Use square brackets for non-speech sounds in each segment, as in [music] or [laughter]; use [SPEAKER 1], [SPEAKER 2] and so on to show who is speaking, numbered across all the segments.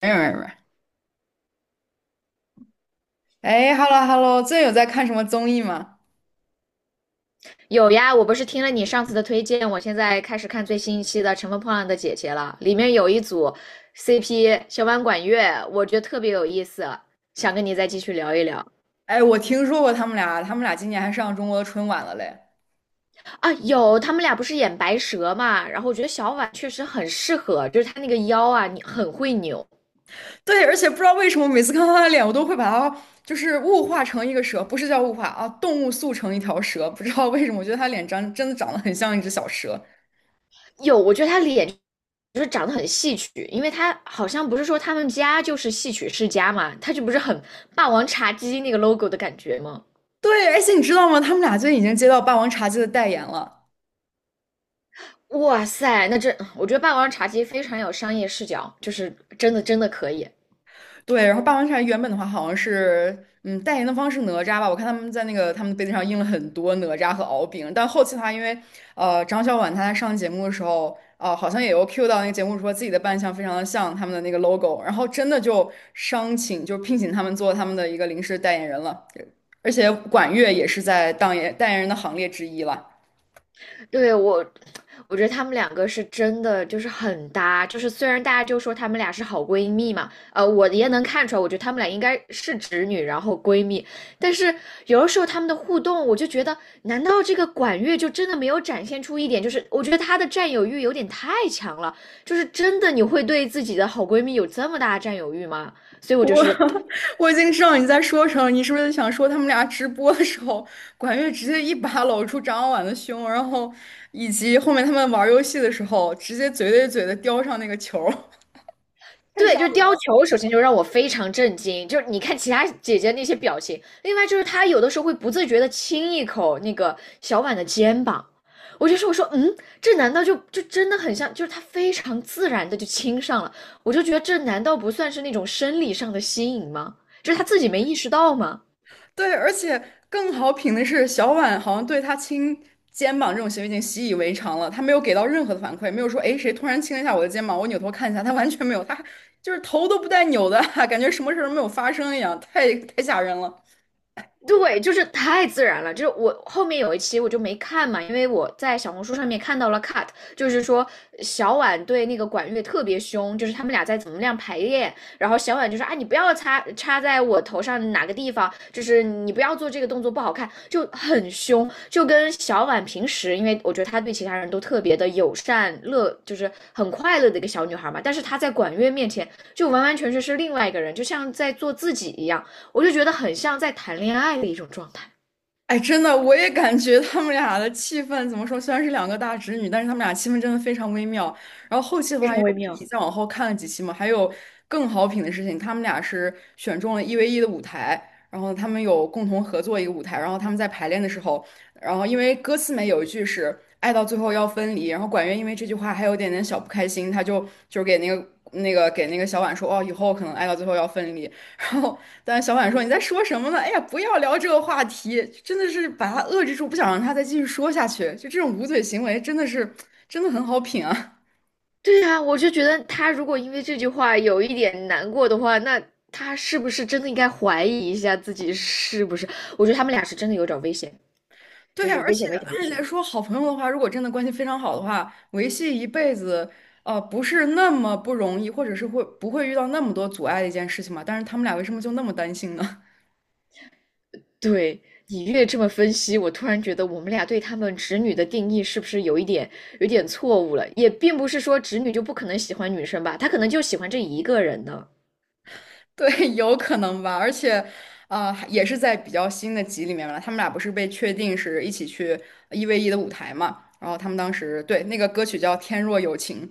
[SPEAKER 1] 没有没有没有，哎，hello hello，最近有在看什么综艺吗？
[SPEAKER 2] 有呀，我不是听了你上次的推荐，我现在开始看最新一期的《乘风破浪的姐姐》了，里面有一组 CP 小婉管乐，我觉得特别有意思，想跟你再继续聊一聊
[SPEAKER 1] 哎，我听说过他们俩今年还上中国的春晚了嘞。
[SPEAKER 2] 啊。有，他们俩不是演白蛇嘛，然后我觉得小婉确实很适合，就是她那个腰啊，你很会扭。
[SPEAKER 1] 对，而且不知道为什么，每次看到他的脸，我都会把他就是物化成一个蛇，不是叫物化啊，动物塑成一条蛇。不知道为什么，我觉得他脸长真的长得很像一只小蛇。
[SPEAKER 2] 有，我觉得她脸就是长得很戏曲，因为她好像不是说他们家就是戏曲世家嘛，她就不是很霸王茶姬那个 logo 的感觉吗？
[SPEAKER 1] 对，而且你知道吗？他们俩最近已经接到《霸王茶姬》的代言了。
[SPEAKER 2] 哇塞，那这我觉得霸王茶姬非常有商业视角，就是真的真的可以。
[SPEAKER 1] 对，然后霸王茶原本的话好像是，代言的方是哪吒吧？我看他们在那个他们的杯子上印了很多哪吒和敖丙，但后期的话，因为张小婉她在上节目的时候，好像也有 cue 到那个节目说自己的扮相非常的像他们的那个 logo，然后真的就聘请他们做他们的一个临时代言人了，而且管乐也是在当演代言人的行列之一了。
[SPEAKER 2] 对，我觉得他们两个是真的就是很搭，就是虽然大家就说他们俩是好闺蜜嘛，我也能看出来，我觉得他们俩应该是直女，然后闺蜜，但是有的时候他们的互动，我就觉得，难道这个管乐就真的没有展现出一点，就是我觉得她的占有欲有点太强了，就是真的你会对自己的好闺蜜有这么大的占有欲吗？所以我就
[SPEAKER 1] 我
[SPEAKER 2] 是
[SPEAKER 1] [laughs] 我已经知道你在说什么，你是不是想说他们俩直播的时候，管乐直接一把搂住张婉的胸，然后以及后面他们玩游戏的时候，直接嘴对嘴的叼上那个球儿 [laughs] 太
[SPEAKER 2] 对，
[SPEAKER 1] 吓
[SPEAKER 2] 就是
[SPEAKER 1] 人
[SPEAKER 2] 貂
[SPEAKER 1] 了。
[SPEAKER 2] 裘，首先就让我非常震惊。就是你看其他姐姐那些表情，另外就是她有的时候会不自觉的亲一口那个小婉的肩膀，我说这难道就真的很像？就是她非常自然的就亲上了，我就觉得这难道不算是那种生理上的吸引吗？就是她自己没意识到吗？
[SPEAKER 1] 对，而且更好品的是，小婉好像对他亲肩膀这种行为已经习以为常了，他没有给到任何的反馈，没有说诶谁突然亲了一下我的肩膀，我扭头看一下，他完全没有，他就是头都不带扭的啊，[laughs] 感觉什么事儿都没有发生一样，太吓人了。
[SPEAKER 2] 对，就是太自然了。就是我后面有一期我就没看嘛，因为我在小红书上面看到了 cut，就是说小婉对那个管乐特别凶，就是他们俩在怎么样排练，然后小婉就说啊，你不要插在我头上哪个地方，就是你不要做这个动作不好看，就很凶，就跟小婉平时，因为我觉得她对其他人都特别的友善乐，就是很快乐的一个小女孩嘛，但是她在管乐面前就完完全全是另外一个人，就像在做自己一样。我就觉得很像在谈恋爱的一种状态。
[SPEAKER 1] 哎，真的，我也感觉他们俩的气氛怎么说？虽然是两个大侄女，但是他们俩气氛真的非常微妙。然后后期的
[SPEAKER 2] 非
[SPEAKER 1] 话，因
[SPEAKER 2] 常
[SPEAKER 1] 为
[SPEAKER 2] 微
[SPEAKER 1] 我一起
[SPEAKER 2] 妙。
[SPEAKER 1] 再往后看了几期嘛，还有更好品的事情，他们俩是选中了一 v 一的舞台，然后他们有共同合作一个舞台，然后他们在排练的时候，然后因为歌词里面有一句是“爱到最后要分离”，然后管乐因为这句话还有点点小不开心，他就给那个小婉说：“哦，以后可能爱到最后要分离。”然后但小婉说：“你在说什么呢？哎呀，不要聊这个话题，真的是把他遏制住，不想让他再继续说下去。就这种捂嘴行为，真的是真的很好品啊。
[SPEAKER 2] 对啊，我就觉得他如果因为这句话有一点难过的话，那他是不是真的应该怀疑一下自己是不是？我觉得他们俩是真的有点危险，
[SPEAKER 1] [laughs] 对
[SPEAKER 2] 真是
[SPEAKER 1] 呀，而
[SPEAKER 2] 危险，
[SPEAKER 1] 且
[SPEAKER 2] 危险，危
[SPEAKER 1] 按理
[SPEAKER 2] 险。
[SPEAKER 1] 来说，好朋友的话，如果真的关系非常好的话，维系一辈子，不是那么不容易，或者是会不会遇到那么多阻碍的一件事情嘛？但是他们俩为什么就那么担心呢？”
[SPEAKER 2] 对你越这么分析，我突然觉得我们俩对他们直女的定义是不是有一点有点错误了？也并不是说直女就不可能喜欢女生吧，她可能就喜欢这一个人呢。
[SPEAKER 1] [laughs] 对，有可能吧，而且，也是在比较新的集里面了。他们俩不是被确定是一起去一 v 一的舞台嘛，然后他们当时对那个歌曲叫《天若有情》，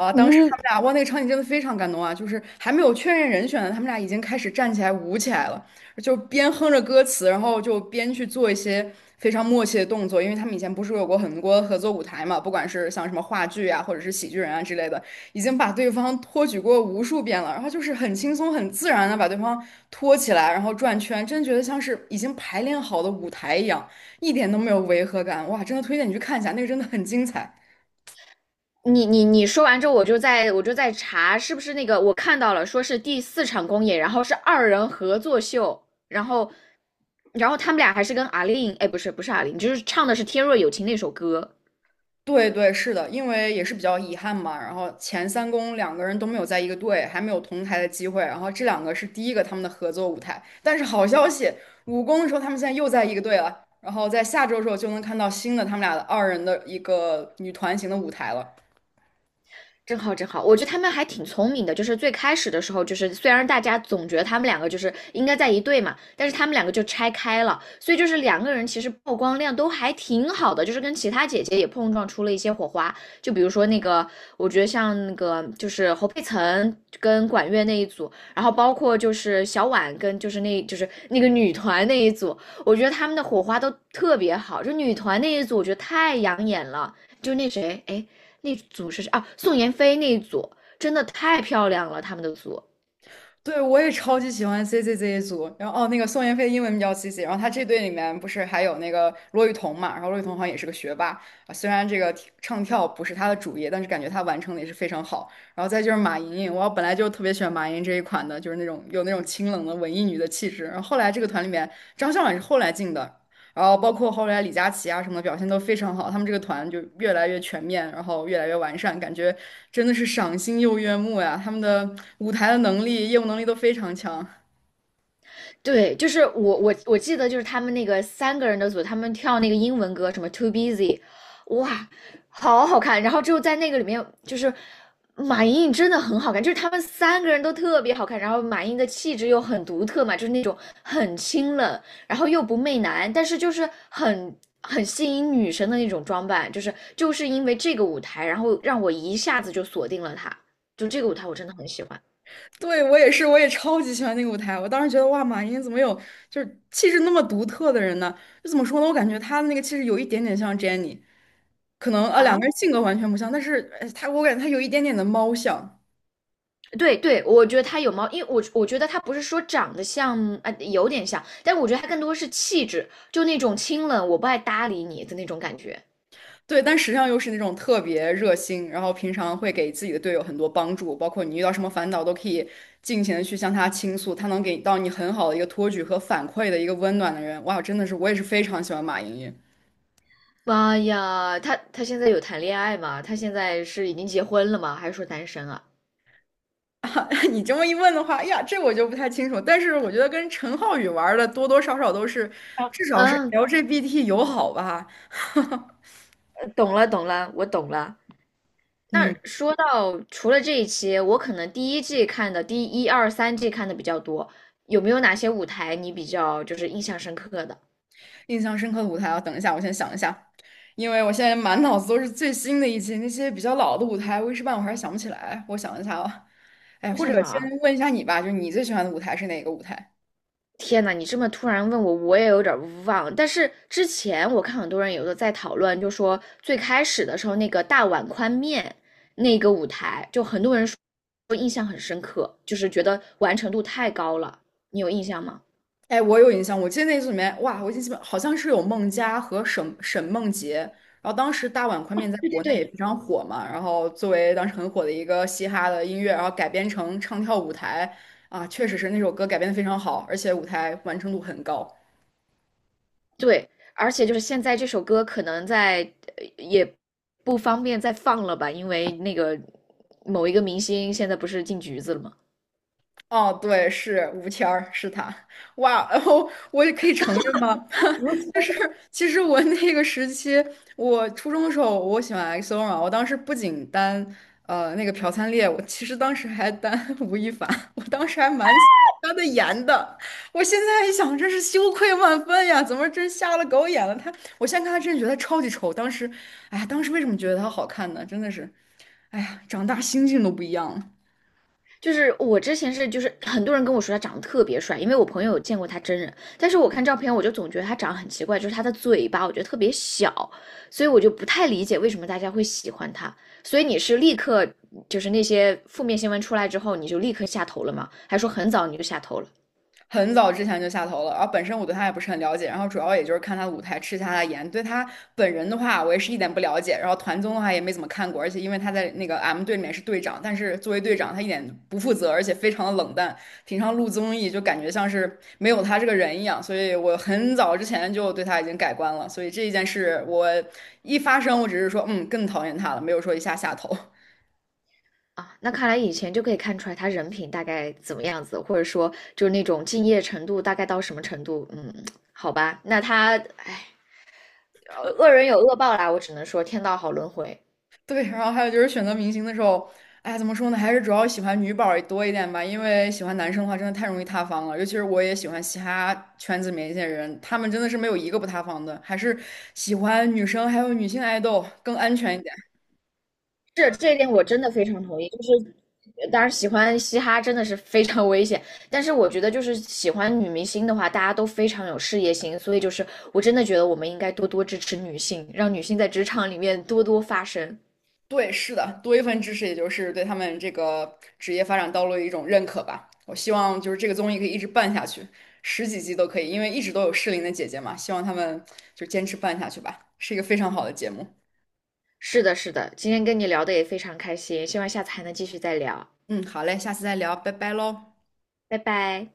[SPEAKER 1] 啊、当时
[SPEAKER 2] 嗯，
[SPEAKER 1] 他们俩哇，那个场景真的非常感动啊，就是还没有确认人选呢，他们俩已经开始站起来舞起来了，就边哼着歌词，然后就边去做一些非常默契的动作，因为他们以前不是有过很多合作舞台嘛，不管是像什么话剧啊，或者是喜剧人啊之类的，已经把对方托举过无数遍了，然后就是很轻松、很自然的把对方托起来，然后转圈，真觉得像是已经排练好的舞台一样，一点都没有违和感。哇，真的推荐你去看一下，那个真的很精彩。
[SPEAKER 2] 你说完之后，我就在查是不是那个我看到了，说是第四场公演，然后是二人合作秀，然后然后他们俩还是跟阿令，哎，不是不是阿令，就是唱的是《天若有情》那首歌。
[SPEAKER 1] 对对，是的，因为也是比较遗憾嘛。然后前三公两个人都没有在一个队，还没有同台的机会。然后这两个是第一个他们的合作舞台。但是好消息，五公的时候他们现在又在一个队了。然后在下周的时候就能看到新的他们俩的二人的一个女团型的舞台了。
[SPEAKER 2] 真好，真好！我觉得他们还挺聪明的，就是最开始的时候，就是虽然大家总觉得他们两个就是应该在一队嘛，但是他们两个就拆开了，所以就是两个人其实曝光量都还挺好的，就是跟其他姐姐也碰撞出了一些火花。就比如说那个，我觉得像那个就是侯佩岑跟管乐那一组，然后包括就是小婉跟就是那个女团那一组，我觉得他们的火花都特别好。就女团那一组，我觉得太养眼了。就那谁，哎，那组是啊，宋妍霏那一组真的太漂亮了，他们的组
[SPEAKER 1] 对，我也超级喜欢 CCZ 组，然后哦，那个宋妍霏英文名叫 CC，然后她这队里面不是还有那个骆玉彤嘛，然后骆玉彤好像也是个学霸啊，虽然这个唱跳不是她的主业，但是感觉她完成的也是非常好。然后再就是马莹莹，我本来就特别喜欢马莹莹这一款的，就是那种有那种清冷的文艺女的气质。然后后来这个团里面张校婉是后来进的，然后包括后来李佳琦啊什么的表现都非常好，他们这个团就越来越全面，然后越来越完善，感觉真的是赏心又悦目呀。他们的舞台的能力、业务能力都非常强。
[SPEAKER 2] 对，就是我记得就是他们那个三个人的组，他们跳那个英文歌，什么 Too Busy，哇，好好看。然后之后在那个里面，就是马莹莹真的很好看，就是他们三个人都特别好看。然后马莹莹的气质又很独特嘛，就是那种很清冷，然后又不媚男，但是就是很吸引女生的那种装扮。就是因为这个舞台，然后让我一下子就锁定了她，就这个舞台我真的很喜欢
[SPEAKER 1] 对，我也是，我也超级喜欢那个舞台。我当时觉得哇，马云怎么有就是气质那么独特的人呢？就怎么说呢？我感觉他的那个气质有一点点像 Jennie，可能啊两
[SPEAKER 2] 啊。
[SPEAKER 1] 个人性格完全不像，但是我感觉他有一点点的猫像。
[SPEAKER 2] 对对，我觉得他有猫，因为我觉得他不是说长得像，啊、有点像，但我觉得他更多是气质，就那种清冷，我不爱搭理你的那种感觉。
[SPEAKER 1] 对，但实际上又是那种特别热心，然后平常会给自己的队友很多帮助，包括你遇到什么烦恼都可以尽情的去向他倾诉，他能给到你很好的一个托举和反馈的一个温暖的人。哇，真的是我也是非常喜欢马莹莹。
[SPEAKER 2] 妈呀，他现在有谈恋爱吗？他现在是已经结婚了吗？还是说单身啊？
[SPEAKER 1] [laughs] 你这么一问的话，哎呀，这我就不太清楚，但是我觉得跟陈浩宇玩的多多少少都是，
[SPEAKER 2] 啊，
[SPEAKER 1] 至少是
[SPEAKER 2] 嗯，
[SPEAKER 1] LGBT 友好吧。[laughs]
[SPEAKER 2] 懂了懂了，我懂了。那
[SPEAKER 1] 嗯。
[SPEAKER 2] 说到除了这一期，我可能第一季看的，第一二三季看的比较多，有没有哪些舞台你比较就是印象深刻的？
[SPEAKER 1] 印象深刻的舞台啊，等一下，我先想一下，因为我现在满脑子都是最新的一期，那些比较老的舞台，我一时半会儿还想不起来。我想一下啊，哎，
[SPEAKER 2] 我
[SPEAKER 1] 或
[SPEAKER 2] 想
[SPEAKER 1] 者
[SPEAKER 2] 想
[SPEAKER 1] 先
[SPEAKER 2] 啊，
[SPEAKER 1] 问一下你吧，就是你最喜欢的舞台是哪个舞台？
[SPEAKER 2] 天呐，你这么突然问我，我也有点儿忘。但是之前我看很多人有的在讨论，就说最开始的时候那个大碗宽面那个舞台，就很多人说印象很深刻，就是觉得完成度太高了。你有印象吗？
[SPEAKER 1] 哎，我有印象，我记得那组里面，哇，我已经记不，好像是有孟佳和沈梦洁，然后当时大碗宽面在
[SPEAKER 2] 对对
[SPEAKER 1] 国内也
[SPEAKER 2] 对，
[SPEAKER 1] 非常火嘛，然后作为当时很火的一个嘻哈的音乐，然后改编成唱跳舞台，啊，确实是那首歌改编的非常好，而且舞台完成度很高。
[SPEAKER 2] 对，而且就是现在这首歌可能在也不方便再放了吧，因为那个某一个明星现在不是进局子了吗？
[SPEAKER 1] 哦，对，是吴谦儿，是他。哇，然后我也可以承认吗？[laughs] 就是其实我那个时期，我初中的时候，我喜欢 XO 嘛，我当时不仅单那个朴灿烈，我其实当时还单 [laughs] 吴亦凡，我当时还蛮喜欢他的颜的。我现在一想，真是羞愧万分呀！怎么真瞎了狗眼了？他，我现在看他真的觉得他超级丑。当时，哎呀，当时为什么觉得他好看呢？真的是，哎呀，长大心境都不一样了。
[SPEAKER 2] 就是我之前是，就是很多人跟我说他长得特别帅，因为我朋友有见过他真人，但是我看照片我就总觉得他长得很奇怪，就是他的嘴巴我觉得特别小，所以我就不太理解为什么大家会喜欢他。所以你是立刻就是那些负面新闻出来之后，你就立刻下头了吗？还说很早你就下头了
[SPEAKER 1] 很早之前就下头了，然后本身我对他也不是很了解，然后主要也就是看他的舞台吃一下他的颜，对他本人的话我也是一点不了解，然后团综的话也没怎么看过，而且因为他在那个 M 队里面是队长，但是作为队长他一点不负责，而且非常的冷淡，平常录综艺就感觉像是没有他这个人一样，所以我很早之前就对他已经改观了，所以这一件事我一发生我只是说更讨厌他了，没有说一下下头。
[SPEAKER 2] 啊？那看来以前就可以看出来他人品大概怎么样子，或者说就是那种敬业程度大概到什么程度？嗯，好吧，那他，哎，恶人有恶报啦，我只能说天道好轮回。
[SPEAKER 1] 对，然后还有就是选择明星的时候，哎，怎么说呢？还是主要喜欢女宝儿多一点吧，因为喜欢男生的话，真的太容易塌房了。尤其是我也喜欢其他圈子里面一些人，他们真的是没有一个不塌房的。还是喜欢女生，还有女性爱豆更安全一点。
[SPEAKER 2] 是这一点我真的非常同意，就是当然喜欢嘻哈真的是非常危险，但是我觉得就是喜欢女明星的话，大家都非常有事业心，所以就是我真的觉得我们应该多多支持女性，让女性在职场里面多多发声。
[SPEAKER 1] 对，是的，多一份支持，也就是对他们这个职业发展道路的一种认可吧。我希望就是这个综艺可以一直办下去，十几集都可以，因为一直都有适龄的姐姐嘛，希望她们就坚持办下去吧，是一个非常好的节目。
[SPEAKER 2] 是的，是的，今天跟你聊的也非常开心，希望下次还能继续再聊，
[SPEAKER 1] 嗯，好嘞，下次再聊，拜拜喽。
[SPEAKER 2] 拜拜。